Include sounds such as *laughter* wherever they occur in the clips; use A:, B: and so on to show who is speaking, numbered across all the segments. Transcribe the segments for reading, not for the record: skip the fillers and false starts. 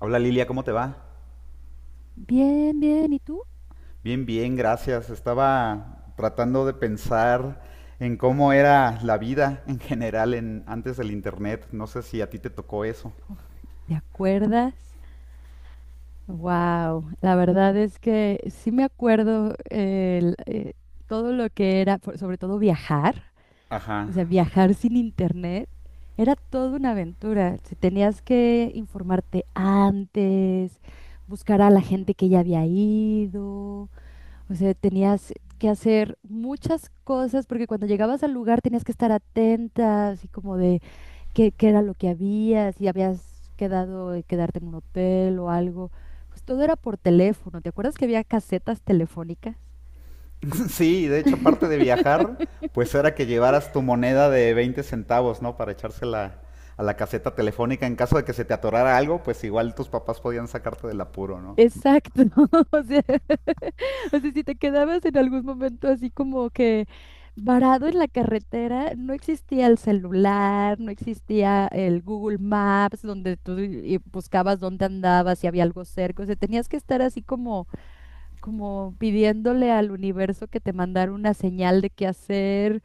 A: Hola Lilia, ¿cómo te va?
B: Bien, bien. ¿Y tú?
A: Bien, bien, gracias. Estaba tratando de pensar en cómo era la vida en general antes del internet. No sé si a ti te tocó eso.
B: ¿Te acuerdas? Wow, la verdad es que sí me acuerdo todo lo que era, sobre todo viajar, o
A: Ajá.
B: sea, viajar sin internet, era toda una aventura. Si tenías que informarte antes, buscar a la gente que ya había ido. O sea, tenías que hacer muchas cosas porque cuando llegabas al lugar tenías que estar atenta, así como de qué era lo que había, si habías quedado, de quedarte en un hotel o algo. Pues todo era por teléfono. ¿Te acuerdas que había casetas telefónicas?
A: *laughs* Sí, de hecho, aparte de viajar, pues era que llevaras tu moneda de 20 centavos, ¿no? Para echársela a la caseta telefónica en caso de que se te atorara algo, pues igual tus papás podían sacarte del apuro, ¿no?
B: Exacto, *laughs* o sea, *laughs* o sea, si te quedabas en algún momento así como que varado en la carretera, no existía el celular, no existía el Google Maps donde tú y buscabas dónde andabas, si había algo cerca, o sea, tenías que estar así como pidiéndole al universo que te mandara una señal de qué hacer,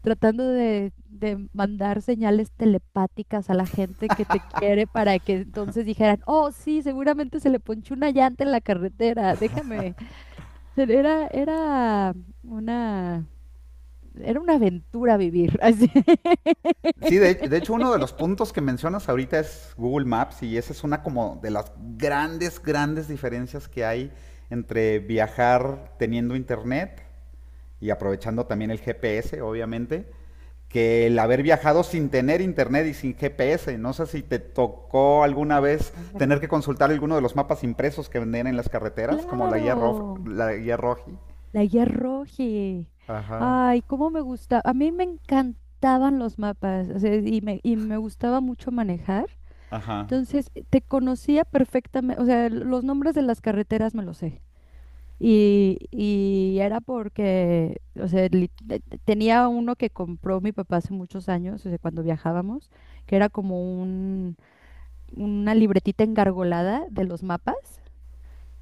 B: tratando de mandar señales telepáticas a la gente que te quiere para que entonces dijeran, oh, sí, seguramente se le ponchó una llanta en la carretera, déjame. Era, era una, era una aventura vivir. *laughs* Así.
A: Sí, de hecho uno de los puntos que mencionas ahorita es Google Maps, y esa es una como de las grandes diferencias que hay entre viajar teniendo internet y aprovechando también el GPS, obviamente, que el haber viajado sin tener internet y sin GPS. No sé si te tocó alguna vez
B: Claro.
A: tener que consultar alguno de los mapas impresos que venden en las carreteras, como la
B: Claro,
A: la guía Roji.
B: la guía Roji.
A: Ajá,
B: Ay, cómo me gusta. A mí me encantaban los mapas, o sea, y me gustaba mucho manejar.
A: ajá.
B: Entonces, te conocía perfectamente, o sea, los nombres de las carreteras me los sé. Y era porque, o sea, tenía uno que compró mi papá hace muchos años, o sea, cuando viajábamos, que era como una libretita engargolada de los mapas.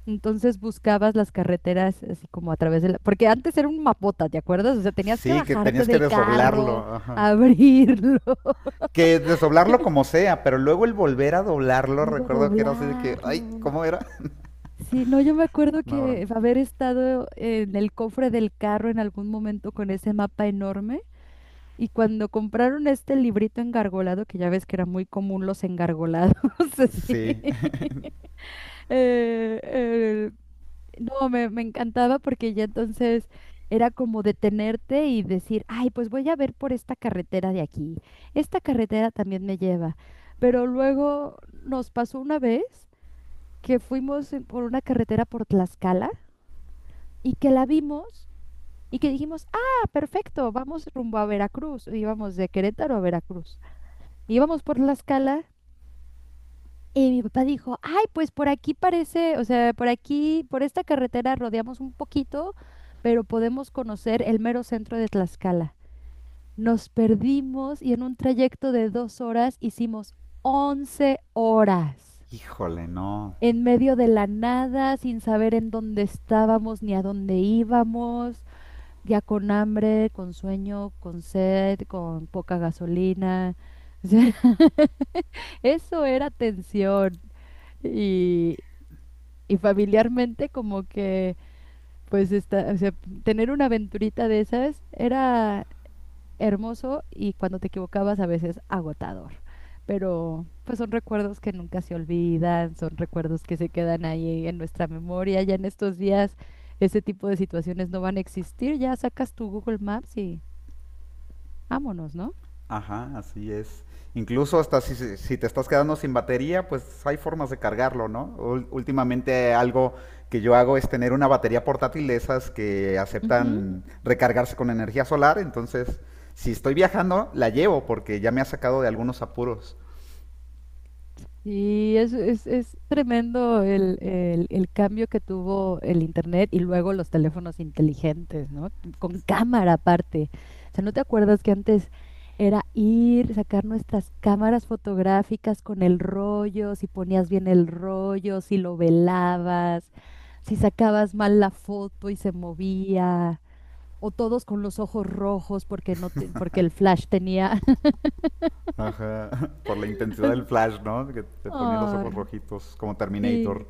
B: Entonces buscabas las carreteras así como a través de la... Porque antes era un mapota, ¿te acuerdas? O sea, tenías que
A: Sí, que
B: bajarte
A: tenías que
B: del
A: desdoblarlo,
B: carro,
A: ajá.
B: abrirlo, *laughs*
A: Que desdoblarlo como sea, pero luego el volver a doblarlo,
B: luego
A: recuerdo que era así de que, ay,
B: doblarlo.
A: ¿cómo era? *laughs*
B: Sí, no, yo me acuerdo
A: No,
B: que
A: bronco.
B: haber estado en el cofre del carro en algún momento con ese mapa enorme. Y cuando compraron este librito engargolado, que ya ves que era muy común los engargolados, *laughs* así.
A: Sí.
B: eh, eh, no, me encantaba porque ya entonces era como detenerte y decir, ay, pues voy a ver por esta carretera de aquí. Esta carretera también me lleva. Pero luego nos pasó una vez que fuimos por una carretera por Tlaxcala y que la vimos y que dijimos, ah, perfecto, vamos rumbo a Veracruz. Íbamos de Querétaro a Veracruz. Íbamos por la escala y mi papá dijo, ay, pues por aquí parece, o sea, por aquí, por esta carretera rodeamos un poquito, pero podemos conocer el mero centro de Tlaxcala. Nos perdimos y en un trayecto de 2 horas hicimos 11 horas,
A: Híjole, no.
B: en medio de la nada, sin saber en dónde estábamos ni a dónde íbamos, ya con hambre, con sueño, con sed, con poca gasolina. *laughs* O sea, eso era tensión. Y, y familiarmente como que, pues, o sea, tener una aventurita de esas era hermoso y cuando te equivocabas a veces agotador. Pero pues son recuerdos que nunca se olvidan, son recuerdos que se quedan ahí en nuestra memoria. Ya en estos días ese tipo de situaciones no van a existir. Ya sacas tu Google Maps y vámonos, ¿no?
A: Ajá, así es. Incluso hasta si te estás quedando sin batería, pues hay formas de cargarlo, ¿no? Últimamente algo que yo hago es tener una batería portátil de esas que aceptan recargarse con energía solar, entonces si estoy viajando, la llevo porque ya me ha sacado de algunos apuros.
B: Y es tremendo el cambio que tuvo el Internet y luego los teléfonos inteligentes, ¿no? Con cámara aparte. O sea, ¿no te acuerdas que antes era ir, sacar nuestras cámaras fotográficas con el rollo, si ponías bien el rollo, si lo velabas, si sacabas mal la foto y se movía, o todos con los ojos rojos porque no te- porque el flash tenía.
A: Ajá, *laughs* por la
B: *laughs*
A: intensidad del
B: Así,
A: flash, ¿no? Que te ponía los ojos
B: ay,
A: rojitos, como Terminator.
B: sí.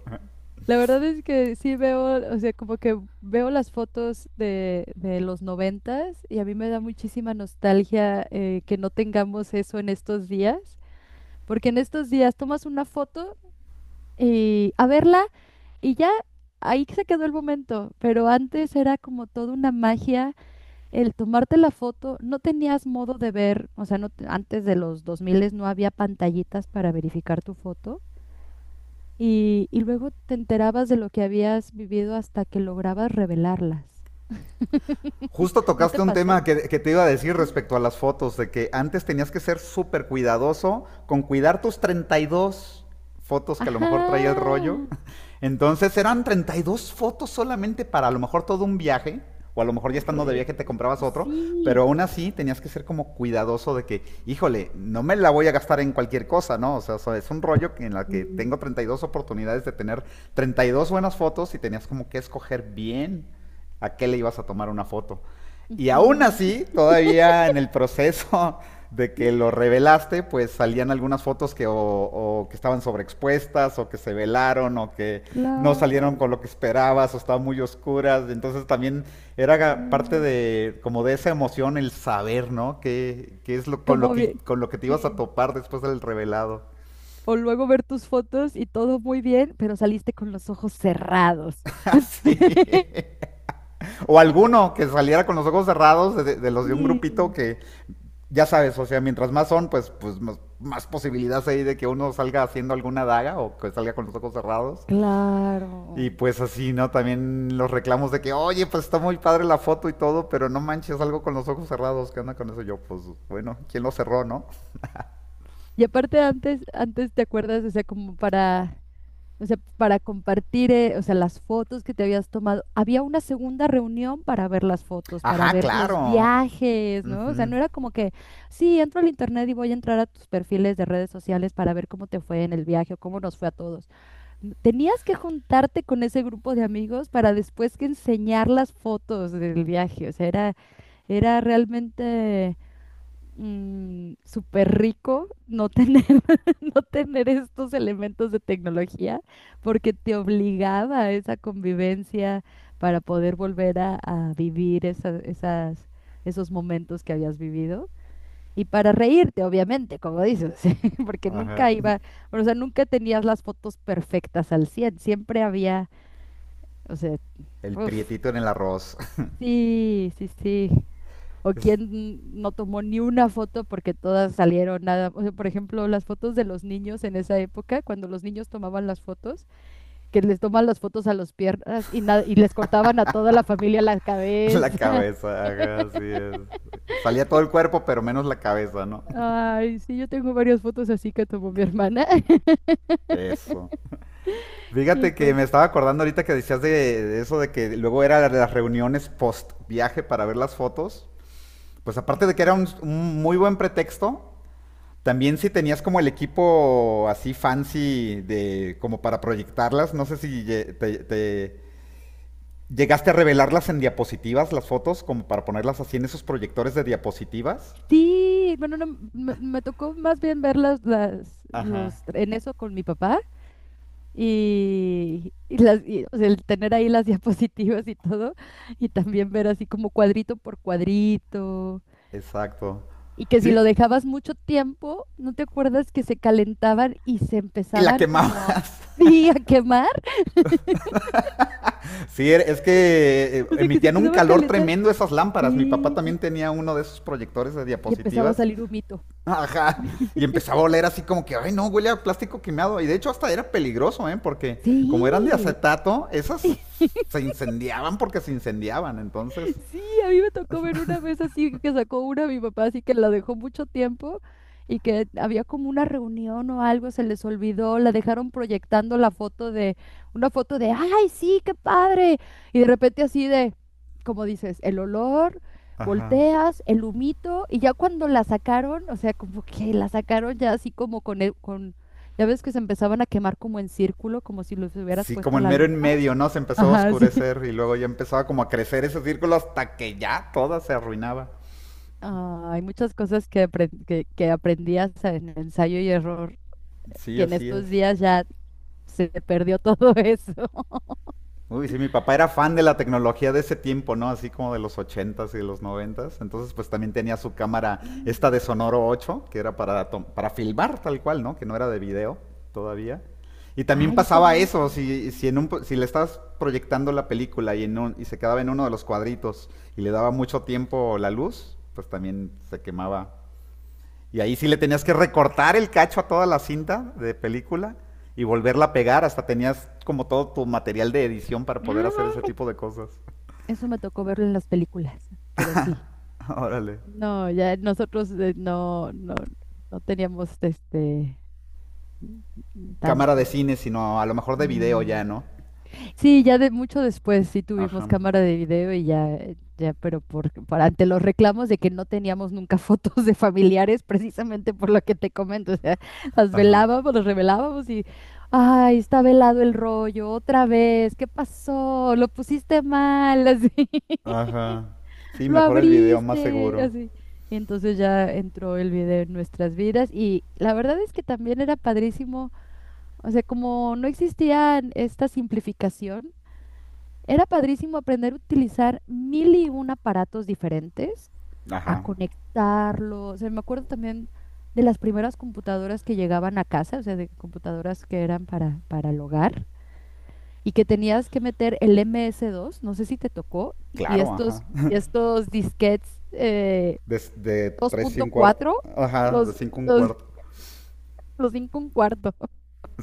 B: La verdad es que sí veo, o sea, como que veo las fotos de los noventas y a mí me da muchísima nostalgia, que no tengamos eso en estos días, porque en estos días tomas una foto y a verla y ya ahí se quedó el momento, pero antes era como toda una magia el tomarte la foto, no tenías modo de ver, o sea, no, antes de los 2000 no había pantallitas para verificar tu foto y luego te enterabas de lo que habías vivido hasta que lograbas revelarlas. *laughs*
A: Justo
B: ¿No te
A: tocaste un
B: pasó?
A: tema te iba a decir respecto a las fotos, de que antes tenías que ser súper cuidadoso con cuidar tus 32 fotos que a lo mejor traía el rollo.
B: Ajá,
A: *laughs* Entonces eran 32 fotos solamente para a lo mejor todo un viaje, o a lo mejor ya estando de viaje te
B: correcto.
A: comprabas otro, pero
B: Sí.
A: aún así tenías que ser como cuidadoso de que, híjole, no me la voy a gastar en cualquier cosa, ¿no? O sea, es un rollo en la que
B: Mm.
A: tengo 32 oportunidades de tener 32 buenas fotos, y tenías como que escoger bien a qué le ibas a tomar una foto. Y aún
B: Ujú.
A: así, todavía en el proceso *laughs* de que lo
B: *laughs*
A: revelaste, pues salían algunas fotos que o que estaban sobreexpuestas, o que se velaron, o que no salieron
B: Claro.
A: con lo que esperabas, o estaban muy oscuras. Entonces también era parte
B: Mm.
A: de como de esa emoción el saber, ¿no? Que, qué es lo,
B: Como bien.
A: con lo que te ibas a
B: Sí.
A: topar después del revelado.
B: O luego ver tus fotos y todo muy bien, pero saliste con los ojos cerrados.
A: *laughs* Así.
B: *laughs*
A: O alguno que saliera con los ojos cerrados de los de un grupito
B: Sí,
A: que ya sabes, o sea, mientras más son, pues, pues más posibilidades hay de que uno salga haciendo alguna daga o que salga con los ojos cerrados. Y
B: claro.
A: pues así, ¿no? También los reclamos de que, oye, pues está muy padre la foto y todo, pero no manches algo con los ojos cerrados. ¿Qué onda con eso? Yo, pues, bueno, ¿quién lo cerró, no?
B: Y aparte antes te acuerdas, o sea, como para o sea, para compartir, o sea, las fotos que te habías tomado. Había una segunda reunión para ver las fotos, para
A: Ajá,
B: ver
A: claro.
B: los viajes, ¿no? O sea,
A: Ujú.
B: no era como que, sí, entro al internet y voy a entrar a tus perfiles de redes sociales para ver cómo te fue en el viaje o cómo nos fue a todos. Tenías que juntarte con ese grupo de amigos para después que enseñar las fotos del viaje. O sea, era realmente, súper rico no tener, *laughs* no tener estos elementos de tecnología, porque te obligaba a esa convivencia para poder volver a vivir esos momentos que habías vivido. Y para reírte, obviamente, como dices, *laughs* porque
A: Ajá.
B: nunca iba, o sea, nunca tenías las fotos perfectas al 100 siempre había, o sea,
A: El
B: uf,
A: prietito en el arroz.
B: sí, sí, sí, o
A: *laughs*
B: quién no tomó ni una foto porque todas salieron nada. O sea, por ejemplo, las fotos de los niños en esa época, cuando los niños tomaban las fotos, que les toman las fotos a los piernas y, nada y les cortaban a toda la familia la
A: Es la
B: cabeza.
A: cabeza, ajá, así es. Salía todo el cuerpo, pero menos la cabeza, ¿no?
B: *laughs* Ay, sí, yo tengo varias fotos así que tomó mi hermana. *laughs*
A: Eso.
B: Y
A: Fíjate que
B: pues.
A: me estaba acordando ahorita que de eso de que luego era las reuniones post viaje para ver las fotos. Pues aparte de que era
B: Ujú.
A: un muy buen pretexto, también si tenías como el equipo así fancy de como para proyectarlas, no sé si llegaste a revelarlas en diapositivas, las fotos, como para ponerlas así en esos proyectores de diapositivas.
B: Sí, bueno, no, me tocó más bien verlas
A: Ajá.
B: en eso con mi papá. Y o sea, el tener ahí las *laughs* diapositivas y todo, y también ver así como cuadrito por cuadrito,
A: Exacto.
B: y que si
A: Sí,
B: lo dejabas mucho tiempo, ¿no te acuerdas que se calentaban y se
A: y la
B: empezaban
A: quemaba.
B: como a,
A: *laughs*
B: *laughs* sí, a quemar?
A: Sí, es que
B: O sea, que se
A: emitían un
B: empezaba a
A: calor
B: calentar,
A: tremendo esas lámparas. Mi papá
B: sí,
A: también
B: y,
A: tenía uno de esos proyectores de
B: y empezaba a
A: diapositivas.
B: salir humito.
A: *laughs* Ajá. Y empezaba a oler así como que, ay, no, huele a plástico quemado. Y de hecho hasta era peligroso, ¿eh? Porque como eran de
B: Sí.
A: acetato, esas
B: *laughs*
A: se incendiaban porque se incendiaban. Entonces,
B: Sí, a mí me tocó ver una vez así que sacó una mi papá, así que la dejó mucho tiempo y que había como una reunión o algo, se les olvidó, la dejaron proyectando una foto de, ay, sí, qué padre. Y de repente así de, como dices, el olor,
A: ajá.
B: volteas, el humito, y ya cuando la sacaron, o sea, como que la sacaron ya así como con, con, ya ves que se empezaban a quemar como en círculo, como si los hubieras
A: Sí, como
B: puesto
A: en
B: la
A: mero en
B: lupa. *laughs*
A: medio, ¿no? Se empezó a
B: Ajá, sí.
A: oscurecer y luego ya empezaba como a crecer ese círculo hasta que ya toda se arruinaba.
B: Ah, hay muchas cosas que aprendí hasta en ensayo y error,
A: Sí,
B: que en
A: así es.
B: estos días ya se perdió todo *laughs* eso.
A: Uy, sí, mi papá era fan de la tecnología de ese tiempo, ¿no? Así como de los 80s y de los 90s. Entonces, pues también tenía su cámara, esta de
B: Mm.
A: Sonoro 8, que era para, para filmar tal cual, ¿no? Que no era de video todavía. Y también
B: Ay, esas
A: pasaba
B: no las
A: eso,
B: conozco.
A: si le estabas proyectando la película y se quedaba en uno de los cuadritos y le daba mucho tiempo la luz, pues también se quemaba, y ahí sí le tenías que recortar el cacho a toda la cinta de película y volverla a pegar. Hasta tenías como todo tu material de edición para poder hacer ese
B: Ay,
A: tipo de cosas.
B: eso me tocó verlo en las películas, pero sí.
A: *laughs* Órale.
B: No, ya nosotros, no teníamos este,
A: Cámara de
B: tanto.
A: cine, sino a lo mejor de video
B: No.
A: ya, ¿no?
B: Sí, ya de mucho después sí tuvimos
A: Ajá.
B: cámara de video y ya, pero por ante los reclamos de que no teníamos nunca *laughs* fotos de familiares, precisamente por lo que te comento, o sea, las
A: Ajá.
B: velábamos, las revelábamos y, ay, está velado el rollo, otra vez, ¿qué pasó? Lo pusiste mal, así, *laughs*
A: Ajá. Sí,
B: lo
A: mejor el video, más
B: abriste,
A: seguro.
B: así. Y entonces ya entró el video en nuestras vidas y la verdad es que también era padrísimo, o sea, como no existía esta simplificación. Era padrísimo aprender a utilizar mil y un aparatos diferentes, a
A: Ajá.
B: conectarlos. O sea, me acuerdo también de las primeras computadoras que llegaban a casa, o sea, de computadoras que eran para el hogar y que tenías que meter el MS2, no sé si te tocó, y
A: Claro,
B: estos,
A: ajá. *laughs*
B: y estos disquetes,
A: De tres y un cuarto.
B: 2.4,
A: Ajá, de
B: los,
A: cinco un
B: los,
A: cuarto.
B: los 5 un cuarto.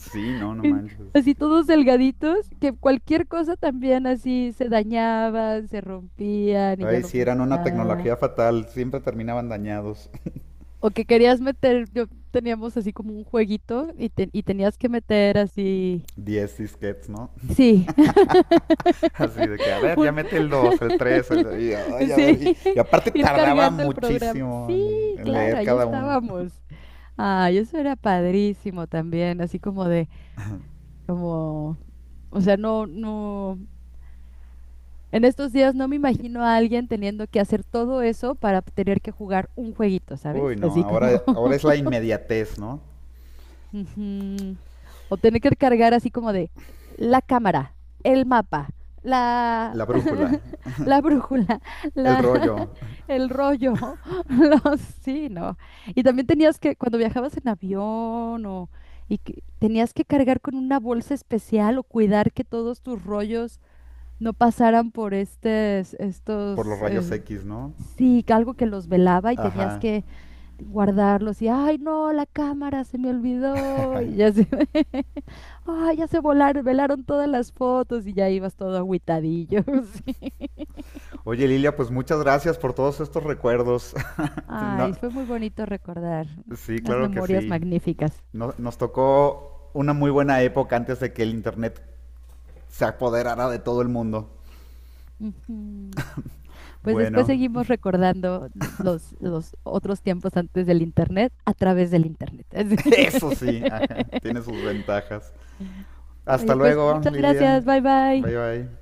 A: Sí,
B: *laughs*
A: no, no
B: que-
A: manches.
B: Así todos delgaditos, que cualquier cosa también así se dañaban, se rompían y ya
A: Ay,
B: no
A: sí, eran una
B: funcionaba.
A: tecnología fatal. Siempre terminaban dañados.
B: O que querías meter, yo teníamos así como un jueguito y y tenías que meter así,
A: *laughs* Diez disquets, ¿no?
B: sí,
A: *laughs* Así de que, a
B: *laughs*
A: ver, ya
B: un,
A: mete el 2, el 3, el... Y, ay,
B: *laughs*
A: a ver,
B: sí,
A: y
B: *laughs*
A: aparte
B: ir
A: tardaba
B: cargando el programa.
A: muchísimo
B: Sí,
A: en
B: claro,
A: leer
B: ahí
A: cada uno.
B: estábamos. Ay, eso era padrísimo también, así como de, como, o sea, no, no. En estos días no me imagino a alguien teniendo que hacer todo eso para tener que jugar un jueguito, ¿sabes?
A: Uy, no,
B: Así como.
A: ahora es la inmediatez, ¿no?
B: *laughs* Ujú. O tener que cargar así como de la cámara, el mapa, la,
A: La brújula,
B: *laughs* la brújula,
A: el
B: la, *laughs*
A: rollo,
B: el rollo, *laughs* los, sí, ¿no? Y también tenías que, cuando viajabas en avión o, y que tenías que cargar con una bolsa especial o cuidar que todos tus rollos no pasaran por
A: por los
B: estos,
A: rayos X, ¿no?
B: sí, que algo que los velaba y tenías
A: Ajá.
B: que guardarlos y, ay, no, la cámara se me olvidó y ya se, *laughs* ay, ya se velaron todas las fotos y ya ibas todo agüitadillo. *laughs* Sí.
A: Oye, Lilia, pues muchas gracias por todos estos recuerdos. *laughs* No,
B: Ay, fue muy bonito recordar
A: sí,
B: unas
A: claro que
B: memorias
A: sí.
B: magníficas.
A: Nos tocó una muy buena época antes de que el Internet se apoderara de todo el mundo.
B: Ujú. Pues después
A: Bueno,
B: seguimos recordando los otros tiempos antes del internet a través del internet. *laughs* Así.
A: *laughs* eso sí, ajá, tiene
B: *laughs*
A: sus ventajas. Hasta
B: Oye, pues
A: luego,
B: muchas
A: Lilia.
B: gracias, bye bye.
A: Bye bye.